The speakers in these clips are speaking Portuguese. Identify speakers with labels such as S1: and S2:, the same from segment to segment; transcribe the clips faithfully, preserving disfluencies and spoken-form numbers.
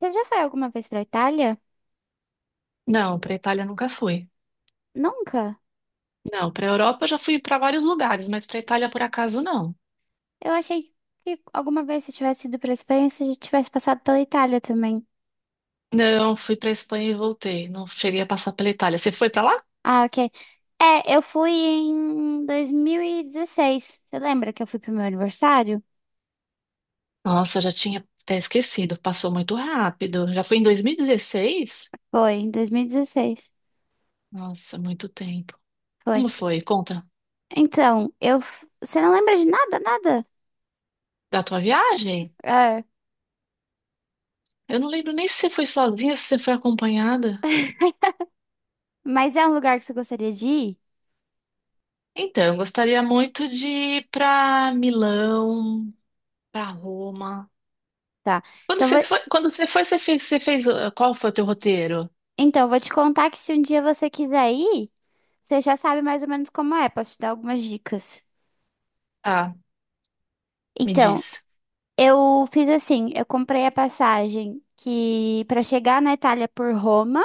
S1: Você já foi alguma vez pra Itália?
S2: Não, para Itália nunca fui.
S1: Nunca?
S2: Não, para Europa eu já fui para vários lugares, mas para Itália por acaso não.
S1: Eu achei que alguma vez você tivesse ido pra Espanha, você já tivesse passado pela Itália também.
S2: Não, fui para Espanha e voltei. Não cheguei a passar pela Itália. Você foi para lá?
S1: Ah, ok. É, eu fui em dois mil e dezesseis. Você lembra que eu fui pro meu aniversário?
S2: Nossa, já tinha até esquecido. Passou muito rápido. Já foi em dois mil e dezesseis?
S1: Foi, em dois mil e dezesseis.
S2: Nossa, muito tempo.
S1: Foi.
S2: Como foi? Conta
S1: Então, eu. Você não lembra de nada, nada?
S2: da tua viagem?
S1: É.
S2: Eu não lembro nem se você foi sozinha, se você foi acompanhada.
S1: Mas é um lugar que você gostaria de ir?
S2: Então, eu gostaria muito de ir para Milão, para Roma.
S1: Tá.
S2: Quando
S1: Então,
S2: você
S1: vou...
S2: foi, quando você foi, você fez, você fez, uh, qual foi o teu roteiro?
S1: então, eu vou te contar que, se um dia você quiser ir, você já sabe mais ou menos como é. Posso te dar algumas dicas.
S2: Ah, me
S1: Então,
S2: diz.
S1: eu fiz assim, eu comprei a passagem que para chegar na Itália por Roma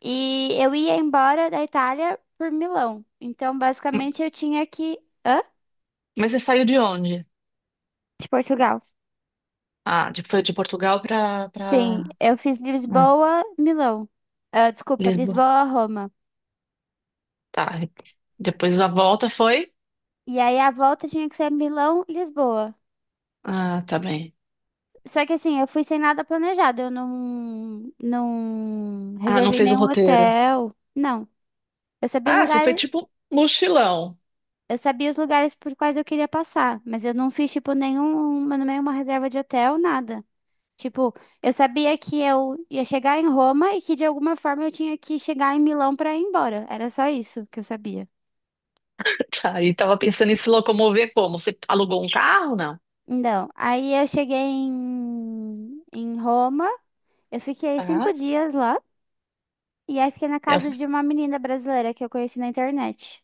S1: e eu ia embora da Itália por Milão. Então,
S2: M-
S1: basicamente, eu tinha que... Hã?
S2: Mas você saiu de onde?
S1: De Portugal.
S2: Ah, de, foi de Portugal para
S1: Sim,
S2: para
S1: eu fiz Lisboa, Milão. Ah, desculpa,
S2: Lisboa.
S1: Lisboa, Roma.
S2: Tá. E depois da volta foi?
S1: E aí a volta tinha que ser Milão, Lisboa.
S2: Ah, tá bem.
S1: Só que assim, eu fui sem nada planejado. Eu não, não
S2: Ah, não
S1: reservei
S2: fez um
S1: nenhum
S2: roteiro.
S1: hotel. Não. Eu sabia os
S2: Ah, você foi
S1: lugares.
S2: tipo mochilão.
S1: Eu sabia os lugares por quais eu queria passar, mas eu não fiz, tipo, nenhuma, nenhuma reserva de hotel, nada. Tipo, eu sabia que eu ia chegar em Roma e que de alguma forma eu tinha que chegar em Milão pra ir embora. Era só isso que eu sabia.
S2: Tá, e tava pensando em se locomover como? Você alugou um carro, não?
S1: Então, aí eu cheguei em, em Roma, eu fiquei cinco
S2: Ah,
S1: dias lá, e aí fiquei na
S2: e, é o
S1: casa
S2: su-
S1: de uma menina brasileira que eu conheci na internet.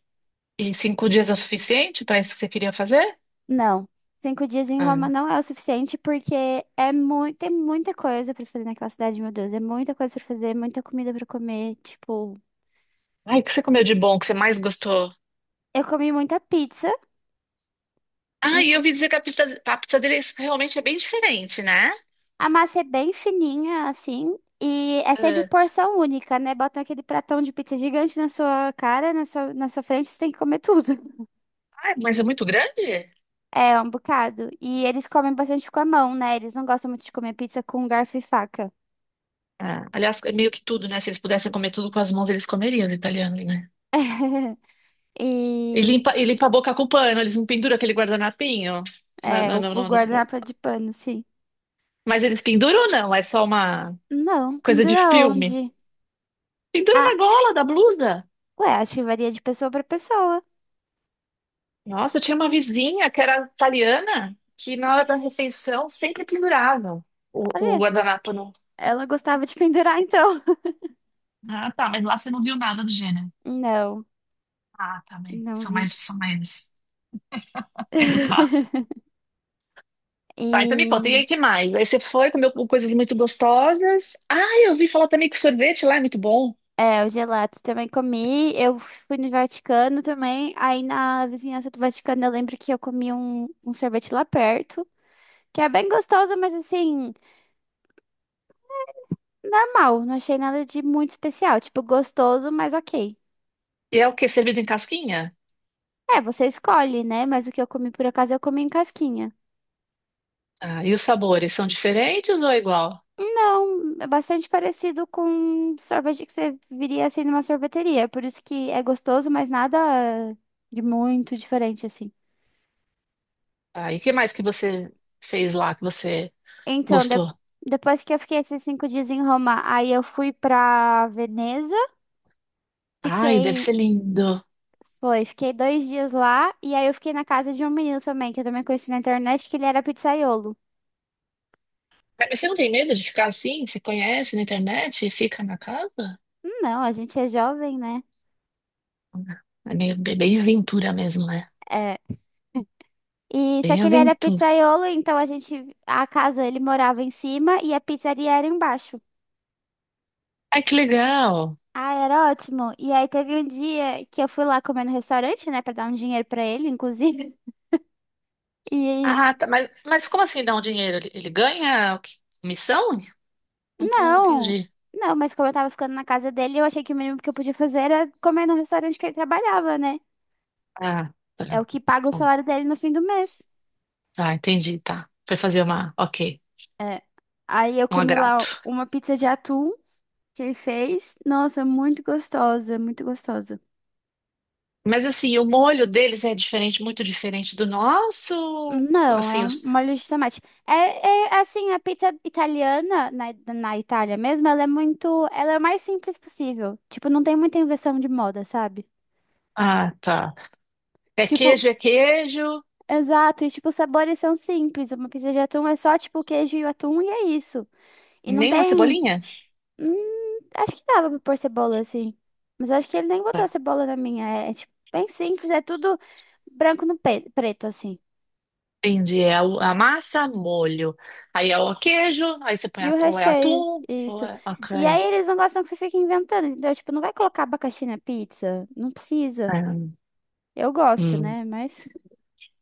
S2: e cinco dias é o suficiente para isso que você queria fazer?
S1: Não, cinco dias em Roma
S2: Ah,
S1: não é o suficiente, porque é muito, tem muita coisa pra fazer naquela cidade, meu Deus. É muita coisa pra fazer, muita comida pra comer. Tipo,
S2: ai, o que você comeu de bom, que você mais gostou?
S1: eu comi muita pizza. E
S2: Ah, e eu ouvi dizer que a pizza, a pizza deles realmente é bem diferente, né?
S1: A massa é bem fininha, assim, e é sempre
S2: Ah,
S1: porção única, né? Botam aquele pratão de pizza gigante na sua cara, na sua, na sua frente, você tem que comer tudo.
S2: ah, mas é muito grande?
S1: É, um bocado. E eles comem bastante com a mão, né? Eles não gostam muito de comer pizza com garfo e faca.
S2: É. Aliás, é meio que tudo, né? Se eles pudessem comer tudo com as mãos, eles comeriam, os italianos, né? E
S1: E
S2: limpa, e limpa a boca com pano, eles não penduram aquele guardanapinho. Não,
S1: é,
S2: não,
S1: o,
S2: não,
S1: o
S2: não, não.
S1: guardanapo é de pano, sim.
S2: Mas eles penduram ou não? É só uma
S1: Não,
S2: coisa de
S1: pendurar
S2: filme.
S1: onde?
S2: Pendura
S1: Ah,
S2: na gola da blusa.
S1: ué, acho que varia de pessoa pra pessoa.
S2: Nossa, eu tinha uma vizinha que era italiana, que na hora da refeição sempre pendurava o, o
S1: Olha,
S2: guardanapo. No...
S1: ela gostava de pendurar, então.
S2: Ah, tá, mas lá você não viu nada do gênero.
S1: Não,
S2: Ah, tá bem.
S1: não
S2: São
S1: vi.
S2: mais, são mais educados. Tá, então me conta, e
S1: E
S2: aí que mais? Aí você foi, comeu coisas muito gostosas. Ah, eu ouvi falar também que o sorvete lá é muito bom.
S1: é, o gelato também comi. Eu fui no Vaticano também. Aí na vizinhança do Vaticano eu lembro que eu comi um, um sorvete lá perto, que é bem gostoso, mas assim, normal. Não achei nada de muito especial. Tipo, gostoso, mas ok.
S2: E é o quê? Servido em casquinha?
S1: É, você escolhe, né? Mas o que eu comi, por acaso eu comi em casquinha.
S2: Ah, e os sabores são diferentes ou é igual?
S1: Não, é bastante parecido com sorvete que você viria assim numa sorveteria. Por isso que é gostoso, mas nada de muito diferente assim.
S2: Ah, e que mais que você fez lá que você
S1: Então, de-
S2: gostou?
S1: depois que eu fiquei esses cinco dias em Roma, aí eu fui pra Veneza,
S2: Ai, deve
S1: fiquei,
S2: ser lindo.
S1: foi, fiquei dois dias lá, e aí eu fiquei na casa de um menino também, que eu também conheci na internet, que ele era pizzaiolo.
S2: Ah, mas você não tem medo de ficar assim? Você conhece na internet e fica na casa?
S1: Não, a gente é jovem, né?
S2: Ah, é meio, bem bem aventura mesmo, né?
S1: É. E só
S2: Bem
S1: que ele era
S2: aventura.
S1: pizzaiolo, então a gente, a casa, ele morava em cima e a pizzaria era embaixo.
S2: Ai, que legal.
S1: Ah, era ótimo. E aí teve um dia que eu fui lá comer no restaurante, né, pra dar um dinheiro pra ele, inclusive. E
S2: Ah, tá, mas, mas como assim dá um dinheiro? Ele, ele ganha o quê? Comissão? Não, não
S1: não,
S2: entendi.
S1: não, mas como eu tava ficando na casa dele, eu achei que o mínimo que eu podia fazer era comer no restaurante que ele trabalhava, né?
S2: Ah, tá.
S1: É o que paga o
S2: Então,
S1: salário dele no fim do mês.
S2: tá, entendi, tá. Foi fazer uma, ok,
S1: É. Aí eu
S2: um
S1: comi
S2: agrado.
S1: lá uma pizza de atum que ele fez. Nossa, muito gostosa, muito gostosa.
S2: Mas assim, o molho deles é diferente, muito diferente do nosso.
S1: Não, é
S2: Assim,
S1: um-
S2: os...
S1: uma molho de tomate. É, é, assim, a pizza italiana na, na Itália mesmo, ela é muito, ela é o mais simples possível. Tipo, não tem muita invenção de moda, sabe?
S2: Ah, tá. É
S1: Tipo,
S2: queijo, é queijo.
S1: exato, e tipo, os sabores são simples. Uma pizza de atum é só tipo queijo e o atum e é isso. E não
S2: Nem uma
S1: tem,
S2: cebolinha?
S1: hum, acho que dava pra pôr cebola assim. Mas acho que ele nem botou a
S2: Tá.
S1: cebola na minha. É, é, tipo bem simples, é tudo branco no pe- preto assim.
S2: Entendi. É a, a massa, molho. Aí é o queijo, aí você põe
S1: E o
S2: atu- ou é
S1: recheio,
S2: atum, ou
S1: isso.
S2: é...
S1: E
S2: ok.
S1: aí eles não gostam que você fique inventando, entendeu? Tipo, não vai colocar abacaxi na pizza? Não precisa.
S2: É,
S1: Eu gosto,
S2: hum.
S1: né? Mas.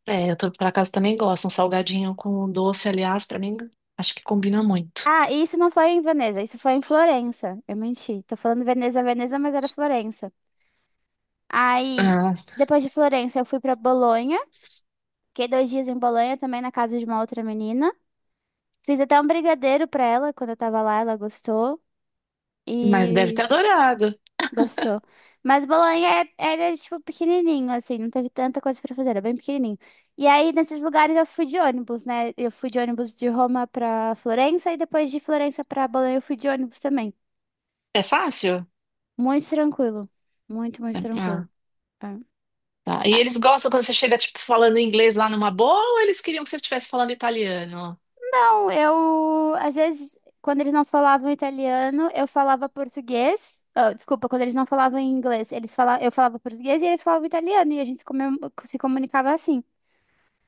S2: É, eu tô, por acaso também gosto. Um salgadinho com doce, aliás, pra mim, acho que combina muito.
S1: Ah, e isso não foi em Veneza, isso foi em Florença. Eu menti. Tô falando Veneza, Veneza, mas era Florença. Aí,
S2: Ah,
S1: depois de Florença, eu fui pra Bolonha. Fiquei dois dias em Bolonha, também na casa de uma outra menina. Fiz até um brigadeiro pra ela quando eu tava lá, ela gostou.
S2: mas deve ter
S1: E
S2: adorado.
S1: Gostou. Mas Bolonha é- era, tipo, pequenininho, assim, não teve tanta coisa pra fazer, era bem pequenininho. E aí, nesses lugares, eu fui de ônibus, né? Eu fui de ônibus de Roma pra Florença e depois de Florença pra Bolonha eu fui de ônibus também.
S2: É fácil?
S1: Muito tranquilo. Muito, muito
S2: É- Ah,
S1: tranquilo. É.
S2: tá. E
S1: Ah,
S2: eles gostam quando você chega, tipo, falando inglês lá numa boa ou eles queriam que você estivesse falando italiano?
S1: não, eu... Às vezes, quando eles não falavam italiano, eu falava português. Ah, desculpa, quando eles não falavam inglês, eles fala... eu falava português e eles falavam italiano e a gente se, comem- se comunicava assim.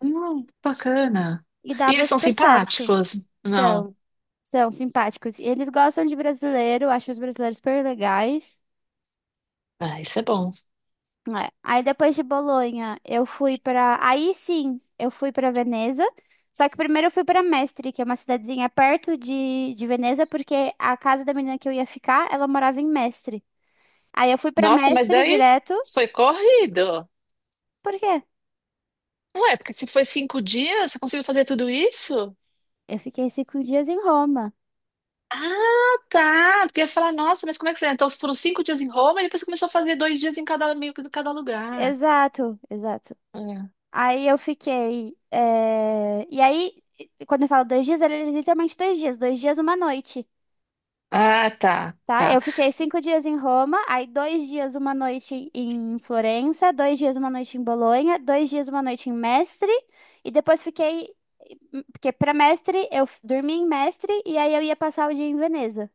S2: Hum, bacana.
S1: E
S2: E
S1: dava
S2: eles são
S1: super certo.
S2: simpáticos? Não.
S1: São, são simpáticos. E eles gostam de brasileiro, acham os brasileiros super legais.
S2: Ah, isso é bom.
S1: É. Aí depois de Bolonha, eu fui pra. Aí sim, eu fui pra Veneza. Só que primeiro eu fui pra Mestre, que é uma cidadezinha perto de, de Veneza, porque a casa da menina que eu ia ficar, ela morava em Mestre. Aí eu fui pra
S2: Nossa, mas
S1: Mestre
S2: daí
S1: direto,
S2: foi corrido.
S1: por quê?
S2: Ué, porque se foi cinco dias, você conseguiu fazer tudo isso?
S1: Eu fiquei cinco dias em Roma.
S2: Ah, tá. Porque eu ia falar, nossa, mas como é que você... é? Então foram cinco dias em Roma e depois você começou a fazer dois dias em cada, meio que em cada lugar.
S1: Exato, exato.
S2: Ah,
S1: Aí eu fiquei. eh, E aí, quando eu falo dois dias, era literalmente dois dias, dois dias, uma noite,
S2: ah, tá,
S1: tá?
S2: tá.
S1: Eu fiquei cinco dias em Roma, aí dois dias, uma noite em Florença, dois dias, uma noite em Bolonha, dois dias, uma noite em Mestre, e depois fiquei. Porque pra Mestre, eu f- dormi em Mestre, e aí eu ia passar o dia em Veneza.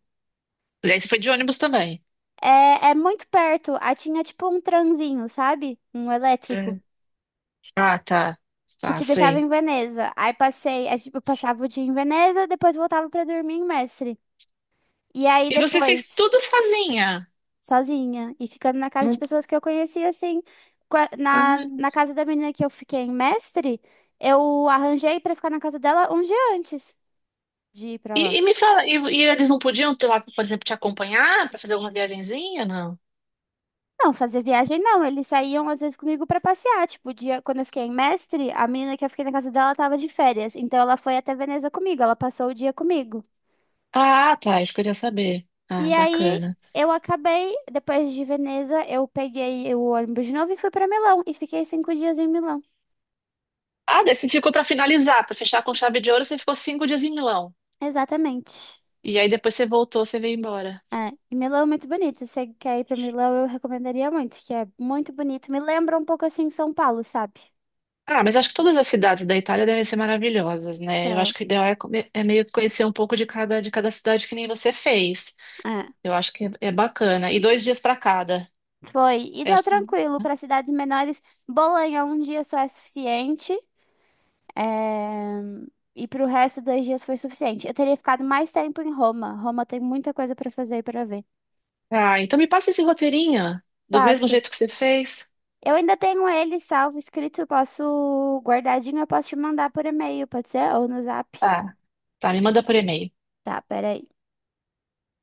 S2: E aí você foi de ônibus também?
S1: É, é muito perto, aí tinha tipo um tranzinho, sabe? Um elétrico
S2: É. Ah, tá.
S1: que
S2: Tá,
S1: te deixava
S2: sei.
S1: em Veneza. Aí passei, aí, tipo, eu passava o dia em Veneza, depois voltava pra dormir em Mestre. E aí
S2: E você fez
S1: depois,
S2: tudo sozinha.
S1: sozinha, e ficando na casa de
S2: Não...
S1: pessoas que eu conhecia, assim, qua- na,
S2: Ah.
S1: na casa da menina que eu fiquei em Mestre, eu arranjei pra ficar na casa dela um dia antes de ir pra
S2: E,
S1: lá.
S2: e me fala, e, e eles não podiam ter lá, por exemplo, te acompanhar para fazer alguma viagenzinha, não?
S1: Não, fazer viagem não, eles saíam às vezes comigo pra passear, tipo, o dia quando eu fiquei em Mestre, a menina que eu fiquei na casa dela tava de férias, então ela foi até Veneza comigo, ela passou o dia comigo.
S2: Ah, tá, isso que eu queria saber. Ah,
S1: E aí
S2: bacana.
S1: eu acabei, depois de Veneza, eu peguei o ônibus de novo e fui pra Milão. E fiquei cinco dias em Milão.
S2: Ah, daí você ficou para finalizar, para fechar com chave de ouro, você ficou cinco dias em Milão.
S1: Exatamente.
S2: E aí depois você voltou, você veio embora.
S1: É, e Milão é muito bonito. Se você quer ir pra Milão, eu recomendaria muito, que é muito bonito. Me lembra um pouco assim São Paulo, sabe?
S2: Ah, mas acho que todas as cidades da Itália devem ser maravilhosas, né? Eu acho
S1: Então,
S2: que o ideal é, come- é meio que conhecer um pouco de cada, de cada cidade que nem você fez.
S1: é.
S2: Eu acho que é é bacana. E dois dias para cada.
S1: Foi. E
S2: É
S1: deu
S2: assim,
S1: tranquilo
S2: né?
S1: para cidades menores. Bolonha um dia só é suficiente. É... E pro resto, dois dias foi suficiente. Eu teria ficado mais tempo em Roma. Roma tem muita coisa para fazer e para ver.
S2: Ah, então me passa esse roteirinho, do mesmo
S1: Passo.
S2: jeito que você fez.
S1: Eu ainda tenho ele salvo, escrito, posso guardadinho, eu posso te mandar por e-mail, pode ser? Ou no zap.
S2: Tá, tá, me manda por e-mail.
S1: Tá, peraí.